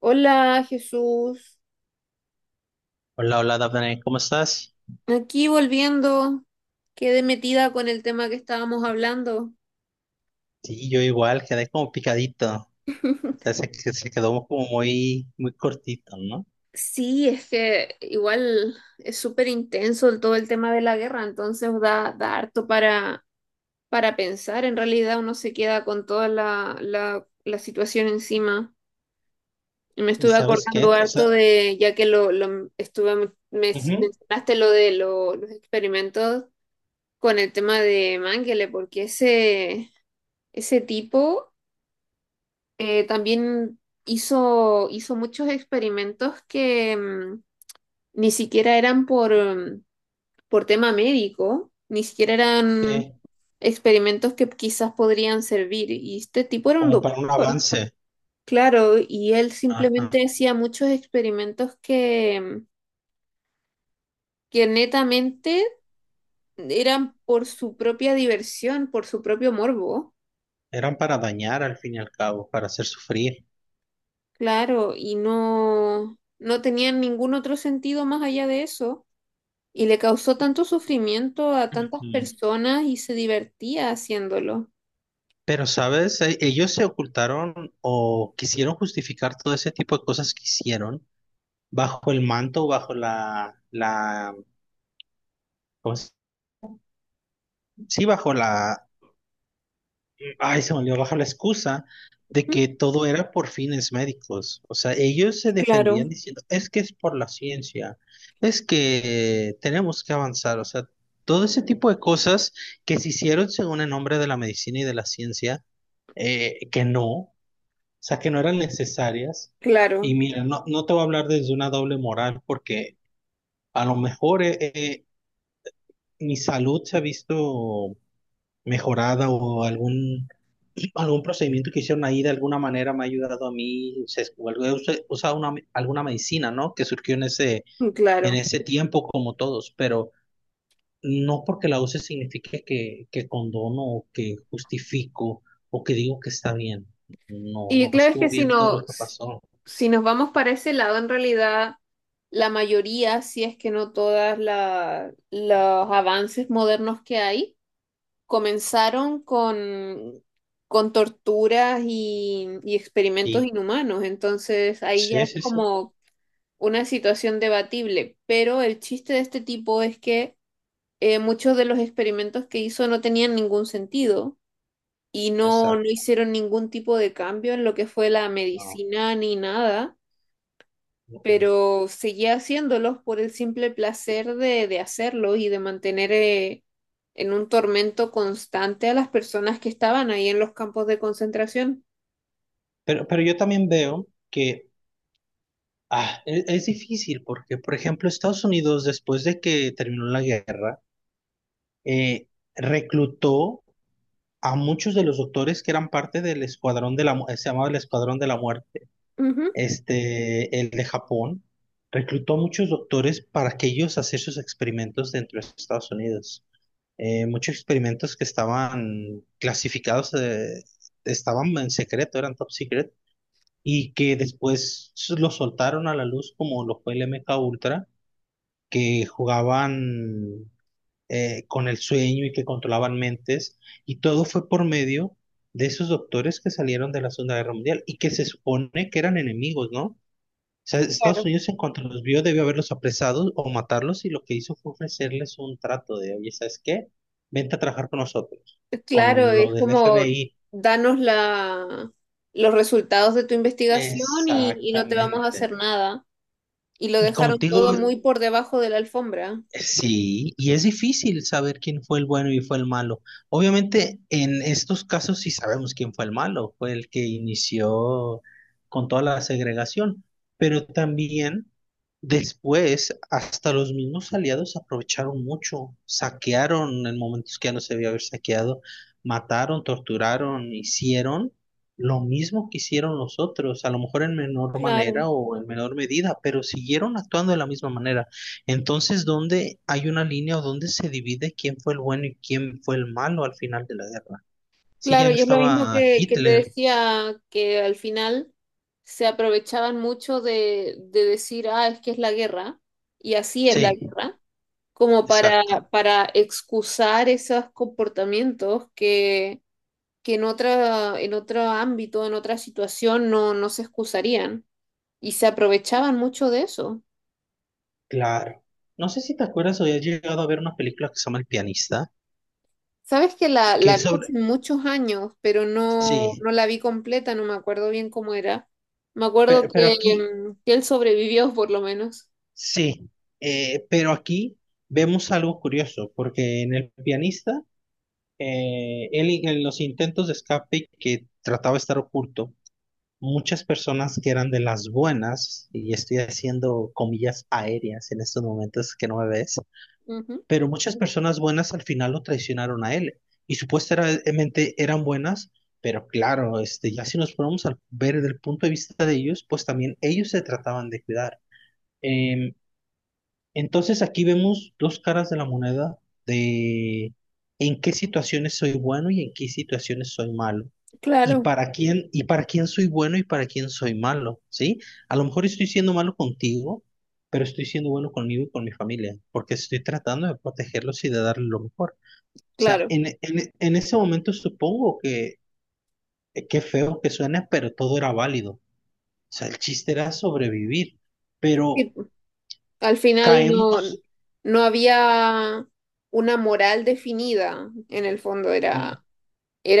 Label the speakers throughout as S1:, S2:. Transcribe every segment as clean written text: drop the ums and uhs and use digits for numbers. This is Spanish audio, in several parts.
S1: Hola Jesús,
S2: Hola, hola, Dafne, ¿cómo estás?
S1: aquí volviendo, quedé metida con el tema que estábamos hablando.
S2: Sí, yo igual, quedé como picadito. O sea, se quedó como muy, muy cortito, ¿no?
S1: Sí, es que igual es súper intenso todo el tema de la guerra, entonces da harto para pensar, en realidad uno se queda con toda la situación encima. Y me
S2: ¿Y
S1: estuve
S2: sabes qué?
S1: acordando
S2: O
S1: harto
S2: sea,
S1: de, ya que me
S2: ujú,
S1: mencionaste lo de los experimentos con el tema de Mengele, porque ese tipo... También hizo muchos experimentos que ni siquiera eran por, por tema médico, ni siquiera eran
S2: sí,
S1: experimentos que quizás podrían servir. Y este tipo era un
S2: como para un
S1: doctor,
S2: avance.
S1: claro, y él
S2: Ajá.
S1: simplemente hacía muchos experimentos que, que netamente eran por su propia diversión, por su propio morbo,
S2: Eran para dañar al fin y al cabo, para hacer sufrir.
S1: claro, y no tenían ningún otro sentido más allá de eso. Y le causó
S2: Y-
S1: tanto sufrimiento a tantas
S2: ujú.
S1: personas y se divertía haciéndolo.
S2: Pero, ¿sabes? Ellos se ocultaron o quisieron justificar todo ese tipo de cosas que hicieron bajo el manto, ¿cómo Sí, bajo la. Ay, se me olvidó bajar la excusa de
S1: ¿Mm?
S2: que todo era por fines médicos. O sea, ellos se
S1: Y
S2: defendían
S1: claro,
S2: diciendo, es que es por la ciencia, es que tenemos que avanzar. O sea, todo ese tipo de cosas que se hicieron según el nombre de la medicina y de la ciencia, que no, o sea, que no eran necesarias. Y
S1: claro,
S2: mira, no te voy a hablar desde una doble moral porque a lo mejor mi salud se ha visto mejorada o algún algún procedimiento que hicieron ahí de alguna manera me ha ayudado a mí, he usado una, alguna medicina, ¿no? Que surgió en
S1: claro.
S2: ese tiempo como todos, pero no porque la use signifique que condono o que justifico o que digo que está bien. No,
S1: Y
S2: no
S1: claro es
S2: estuvo
S1: que si
S2: bien todo
S1: no,
S2: lo que pasó.
S1: si nos vamos para ese lado, en realidad, la mayoría, si es que no todas los avances modernos que hay, comenzaron con torturas y experimentos
S2: Y
S1: inhumanos. Entonces ahí ya
S2: sí,
S1: es
S2: sí, sí,
S1: como una situación debatible, pero el chiste de este tipo es que muchos de los experimentos que hizo no tenían ningún sentido y no
S2: exacto.
S1: hicieron ningún tipo de cambio en lo que fue la
S2: No,
S1: medicina ni nada,
S2: no, eh.
S1: pero seguía haciéndolos por el simple placer de hacerlo y de mantener en un tormento constante a las personas que estaban ahí en los campos de concentración.
S2: Pero yo también veo que es difícil porque, por ejemplo, Estados Unidos, después de que terminó la guerra, eh, reclutó a muchos de los doctores que eran parte del escuadrón de la, se llamaba el escuadrón de la muerte,
S1: Ujú,
S2: este, el de Japón, reclutó a muchos doctores para que ellos hacer sus experimentos dentro de Estados Unidos. Muchos experimentos que estaban clasificados, estaban en secreto, eran top secret, y que después los soltaron a la luz como lo fue el MK Ultra, que jugaban con el sueño y que controlaban mentes, y todo fue por medio de esos doctores que salieron de la Segunda Guerra Mundial y que se supone que eran enemigos, ¿no? O sea, Estados
S1: claro.
S2: Unidos en cuanto los vio debió haberlos apresado o matarlos y lo que hizo fue ofrecerles un trato de, oye, ¿sabes qué? Vente a trabajar con nosotros,
S1: Claro,
S2: con lo
S1: es
S2: del
S1: como
S2: FBI.
S1: danos la, los resultados de tu investigación y no te vamos a hacer
S2: Exactamente.
S1: nada. Y lo
S2: Y como
S1: dejaron
S2: te digo,
S1: todo muy por debajo de la alfombra.
S2: sí, y es difícil saber quién fue el bueno y fue el malo. Obviamente, en estos casos sí sabemos quién fue el malo, fue el que inició con toda la segregación, pero también después hasta los mismos aliados aprovecharon mucho, saquearon en momentos que ya no se debía haber saqueado, mataron, torturaron, hicieron lo mismo que hicieron los otros, a lo mejor en menor
S1: Claro,
S2: manera o en menor medida, pero siguieron actuando de la misma manera. Entonces, ¿dónde hay una línea o dónde se divide quién fue el bueno y quién fue el malo al final de la guerra? Sí, ya
S1: claro,
S2: no
S1: y es lo mismo
S2: estaba
S1: que te
S2: Hitler.
S1: decía, que al final se aprovechaban mucho de decir, ah, es que es la guerra, y así es la
S2: Sí,
S1: guerra, como
S2: exacto.
S1: para excusar esos comportamientos que en otra, en otro ámbito, en otra situación, no se excusarían y se aprovechaban mucho de eso.
S2: Claro. No sé si te acuerdas o has llegado a ver una película que se llama El pianista,
S1: Sabes que la,
S2: que
S1: la
S2: es
S1: vi hace
S2: sobre...
S1: muchos años, pero no,
S2: Sí,
S1: no la vi completa, no me acuerdo bien cómo era. Me acuerdo
S2: pero,
S1: que,
S2: aquí,
S1: que él sobrevivió por lo menos.
S2: sí, pero aquí vemos algo curioso, porque en El pianista, él en los intentos de escape que trataba de estar oculto, muchas personas que eran de las buenas, y estoy haciendo comillas aéreas en estos momentos que no me ves,
S1: Ujú.
S2: pero muchas personas buenas al final lo traicionaron a él. Y supuestamente eran buenas, pero claro, este, ya si nos ponemos a ver desde el punto de vista de ellos, pues también ellos se trataban de cuidar. Eh, entonces aquí vemos dos caras de la moneda de en qué situaciones soy bueno y en qué situaciones soy malo.
S1: Claro,
S2: Y para quién soy bueno y para quién soy malo, ¿sí? A lo mejor estoy siendo malo contigo, pero estoy siendo bueno conmigo y con mi familia, porque estoy tratando de protegerlos y de darles lo mejor. O sea,
S1: claro.
S2: en ese momento supongo que, qué feo que suena, pero todo era válido. O sea, el chiste era sobrevivir,
S1: Sí,
S2: pero
S1: al final no,
S2: caemos,
S1: no había una moral definida, en el fondo
S2: no,
S1: era.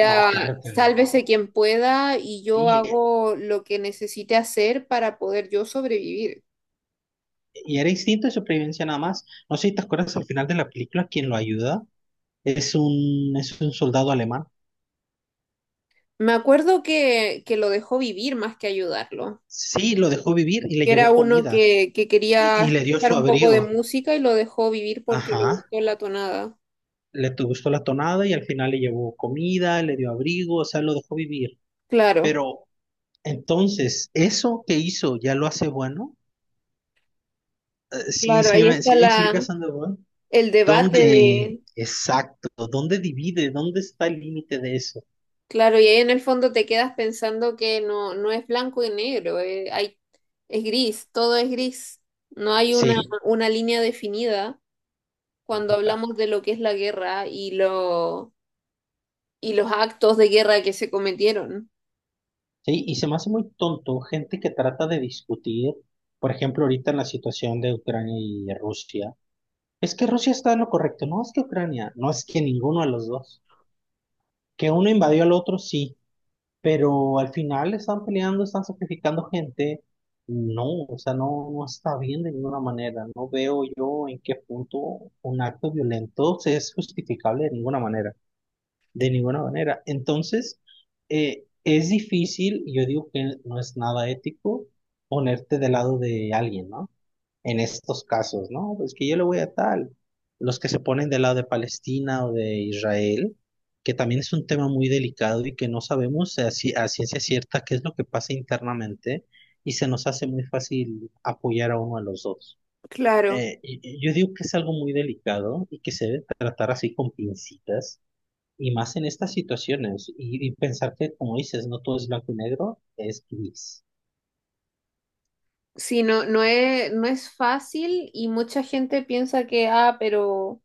S2: no, claro que
S1: sálvese
S2: no.
S1: quien pueda y yo
S2: Sí,
S1: hago lo que necesite hacer para poder yo sobrevivir.
S2: y era instinto de supervivencia nada más. No sé si te acuerdas al final de la película, quien lo ayuda es es un soldado alemán.
S1: Me acuerdo que lo dejó vivir más que ayudarlo.
S2: Sí, lo dejó vivir y le
S1: Era
S2: llevó
S1: uno
S2: comida
S1: que
S2: y
S1: quería
S2: le dio
S1: escuchar
S2: su
S1: un poco de
S2: abrigo.
S1: música y lo dejó vivir porque le
S2: Ajá,
S1: gustó la tonada.
S2: le gustó la tonada y al final le llevó comida, le dio abrigo, o sea, lo dejó vivir.
S1: Claro,
S2: Pero entonces, ¿eso que hizo ya lo hace bueno? Sí,
S1: claro, ahí está
S2: sí me explicas,
S1: la,
S2: Sandoval.
S1: el debate
S2: ¿Dónde,
S1: de...
S2: exacto, dónde divide, dónde está el límite de eso?
S1: Claro, y ahí en el fondo te quedas pensando que no, no es blanco y negro, hay, es gris, todo es gris. No hay
S2: Sí.
S1: una línea definida cuando hablamos de lo que es la guerra y lo y los actos de guerra que se cometieron.
S2: Sí, y se me hace muy tonto gente que trata de discutir, por ejemplo, ahorita en la situación de Ucrania y Rusia. Es que Rusia está en lo correcto, no es que Ucrania, no es que ninguno de los dos. Que uno invadió al otro, sí, pero al final están peleando, están sacrificando gente. No, o sea, no, no está bien de ninguna manera. No veo yo en qué punto un acto violento se es justificable de ninguna manera de ninguna manera. Entonces, es difícil, yo digo que no es nada ético ponerte del lado de alguien, ¿no? En estos casos, ¿no? Pues que yo le voy a tal. Los que se ponen del lado de Palestina o de Israel, que también es un tema muy delicado y que no sabemos si a ciencia cierta qué es lo que pasa internamente y se nos hace muy fácil apoyar a uno a los dos.
S1: Claro.
S2: Y yo digo que es algo muy delicado y que se debe tratar así con pincitas y más en estas situaciones, y pensar que, como dices, no todo es blanco y negro, es gris.
S1: Sí, no es fácil y mucha gente piensa que, ah, pero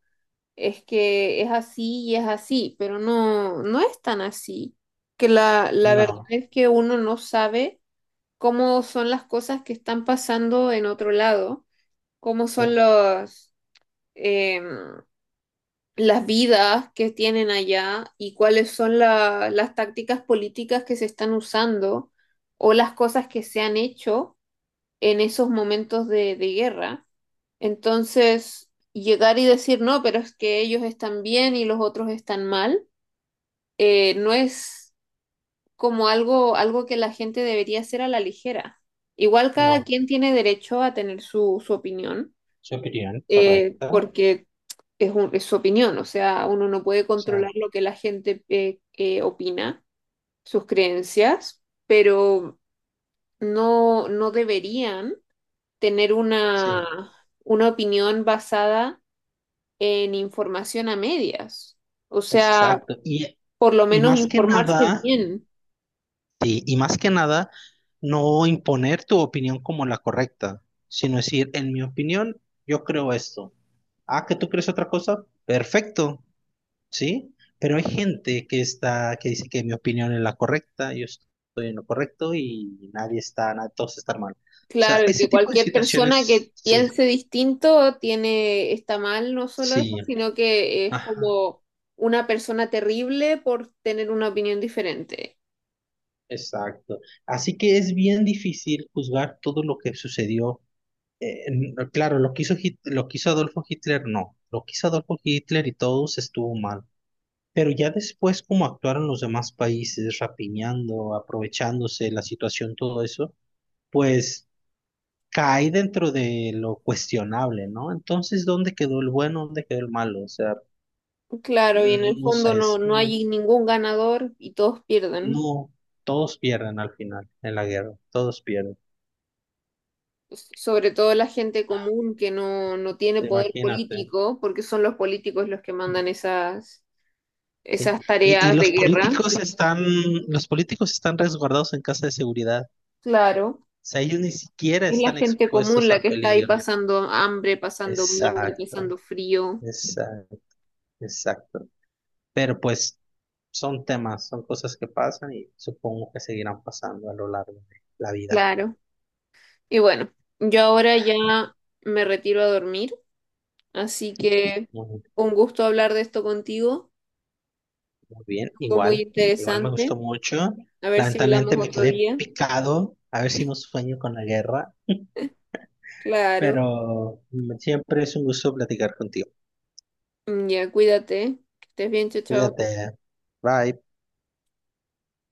S1: es que es así y es así, pero no es tan así. Que la verdad
S2: No,
S1: es que uno no sabe cómo son las cosas que están pasando en otro lado, cómo son
S2: sí,
S1: los, em, las vidas que tienen allá y cuáles son las tácticas políticas que se están usando o las cosas que se han hecho en esos momentos de guerra. Entonces, llegar y decir, no, pero es que ellos están bien y los otros están mal, no es como algo, algo que la gente debería hacer a la ligera. Igual cada
S2: no,
S1: quien tiene derecho a tener su, su opinión,
S2: su opinión, correcta. O
S1: porque es, es su opinión, o sea, uno no puede
S2: sea,
S1: controlar lo que la gente opina, sus creencias, pero no deberían tener
S2: sí,
S1: una opinión basada en información a medias. O sea,
S2: exacto.
S1: por lo
S2: Y
S1: menos
S2: más que
S1: informarse
S2: nada,
S1: bien.
S2: sí, y más que nada, no imponer tu opinión como la correcta, sino decir, en mi opinión, yo creo esto. Ah, que tú crees otra cosa, perfecto. ¿Sí? Pero hay gente que está, que dice que mi opinión es la correcta, yo estoy en lo correcto y nadie está, todos están mal. O sea,
S1: Claro, y
S2: ese
S1: que
S2: tipo de
S1: cualquier persona
S2: situaciones,
S1: que
S2: sí,
S1: piense distinto tiene, está mal, no solo eso,
S2: sí,
S1: sino que es
S2: ajá,
S1: como una persona terrible por tener una opinión diferente.
S2: exacto. Así que es bien difícil juzgar todo lo que sucedió. Claro, lo que lo que hizo Adolfo Hitler, no. Lo que hizo Adolfo Hitler y todos estuvo mal. Pero ya después, como actuaron los demás países, rapiñando, aprovechándose la situación, todo eso, pues cae dentro de lo cuestionable, ¿no? Entonces, ¿dónde quedó el bueno? ¿Dónde quedó el malo? O sea,
S1: Claro, y en el
S2: mm, no
S1: fondo
S2: sé,
S1: no,
S2: es
S1: no
S2: muy-
S1: hay ningún ganador y todos pierden.
S2: no, todos pierden al final en la guerra, todos pierden,
S1: Sobre todo la gente común que no tiene poder
S2: imagínate,
S1: político, porque son los políticos los que mandan esas,
S2: ¿sí?
S1: esas
S2: Y
S1: tareas de guerra.
S2: los políticos están resguardados en casa de seguridad,
S1: Claro.
S2: o sea, ellos ni siquiera
S1: Es la
S2: están
S1: gente común
S2: expuestos
S1: la
S2: al
S1: que está ahí
S2: peligro.
S1: pasando hambre, pasando miedo y
S2: Exacto,
S1: pasando frío.
S2: exacto, exacto. Pero pues son temas, son cosas que pasan y supongo que seguirán pasando a lo largo de la vida.
S1: Claro. Y bueno, yo ahora ya me retiro a dormir, así que
S2: ¿No?
S1: un gusto hablar de esto contigo.
S2: Muy bien,
S1: Fue muy
S2: igual, igual me gustó
S1: interesante.
S2: mucho.
S1: A ver si hablamos
S2: Lamentablemente me
S1: otro
S2: quedé
S1: día.
S2: picado, a ver si no sueño con la guerra,
S1: Claro,
S2: pero mm, siempre es un gusto platicar contigo.
S1: mm, ya cuídate, que estés bien, chao, chao.
S2: Cuídate. Bye.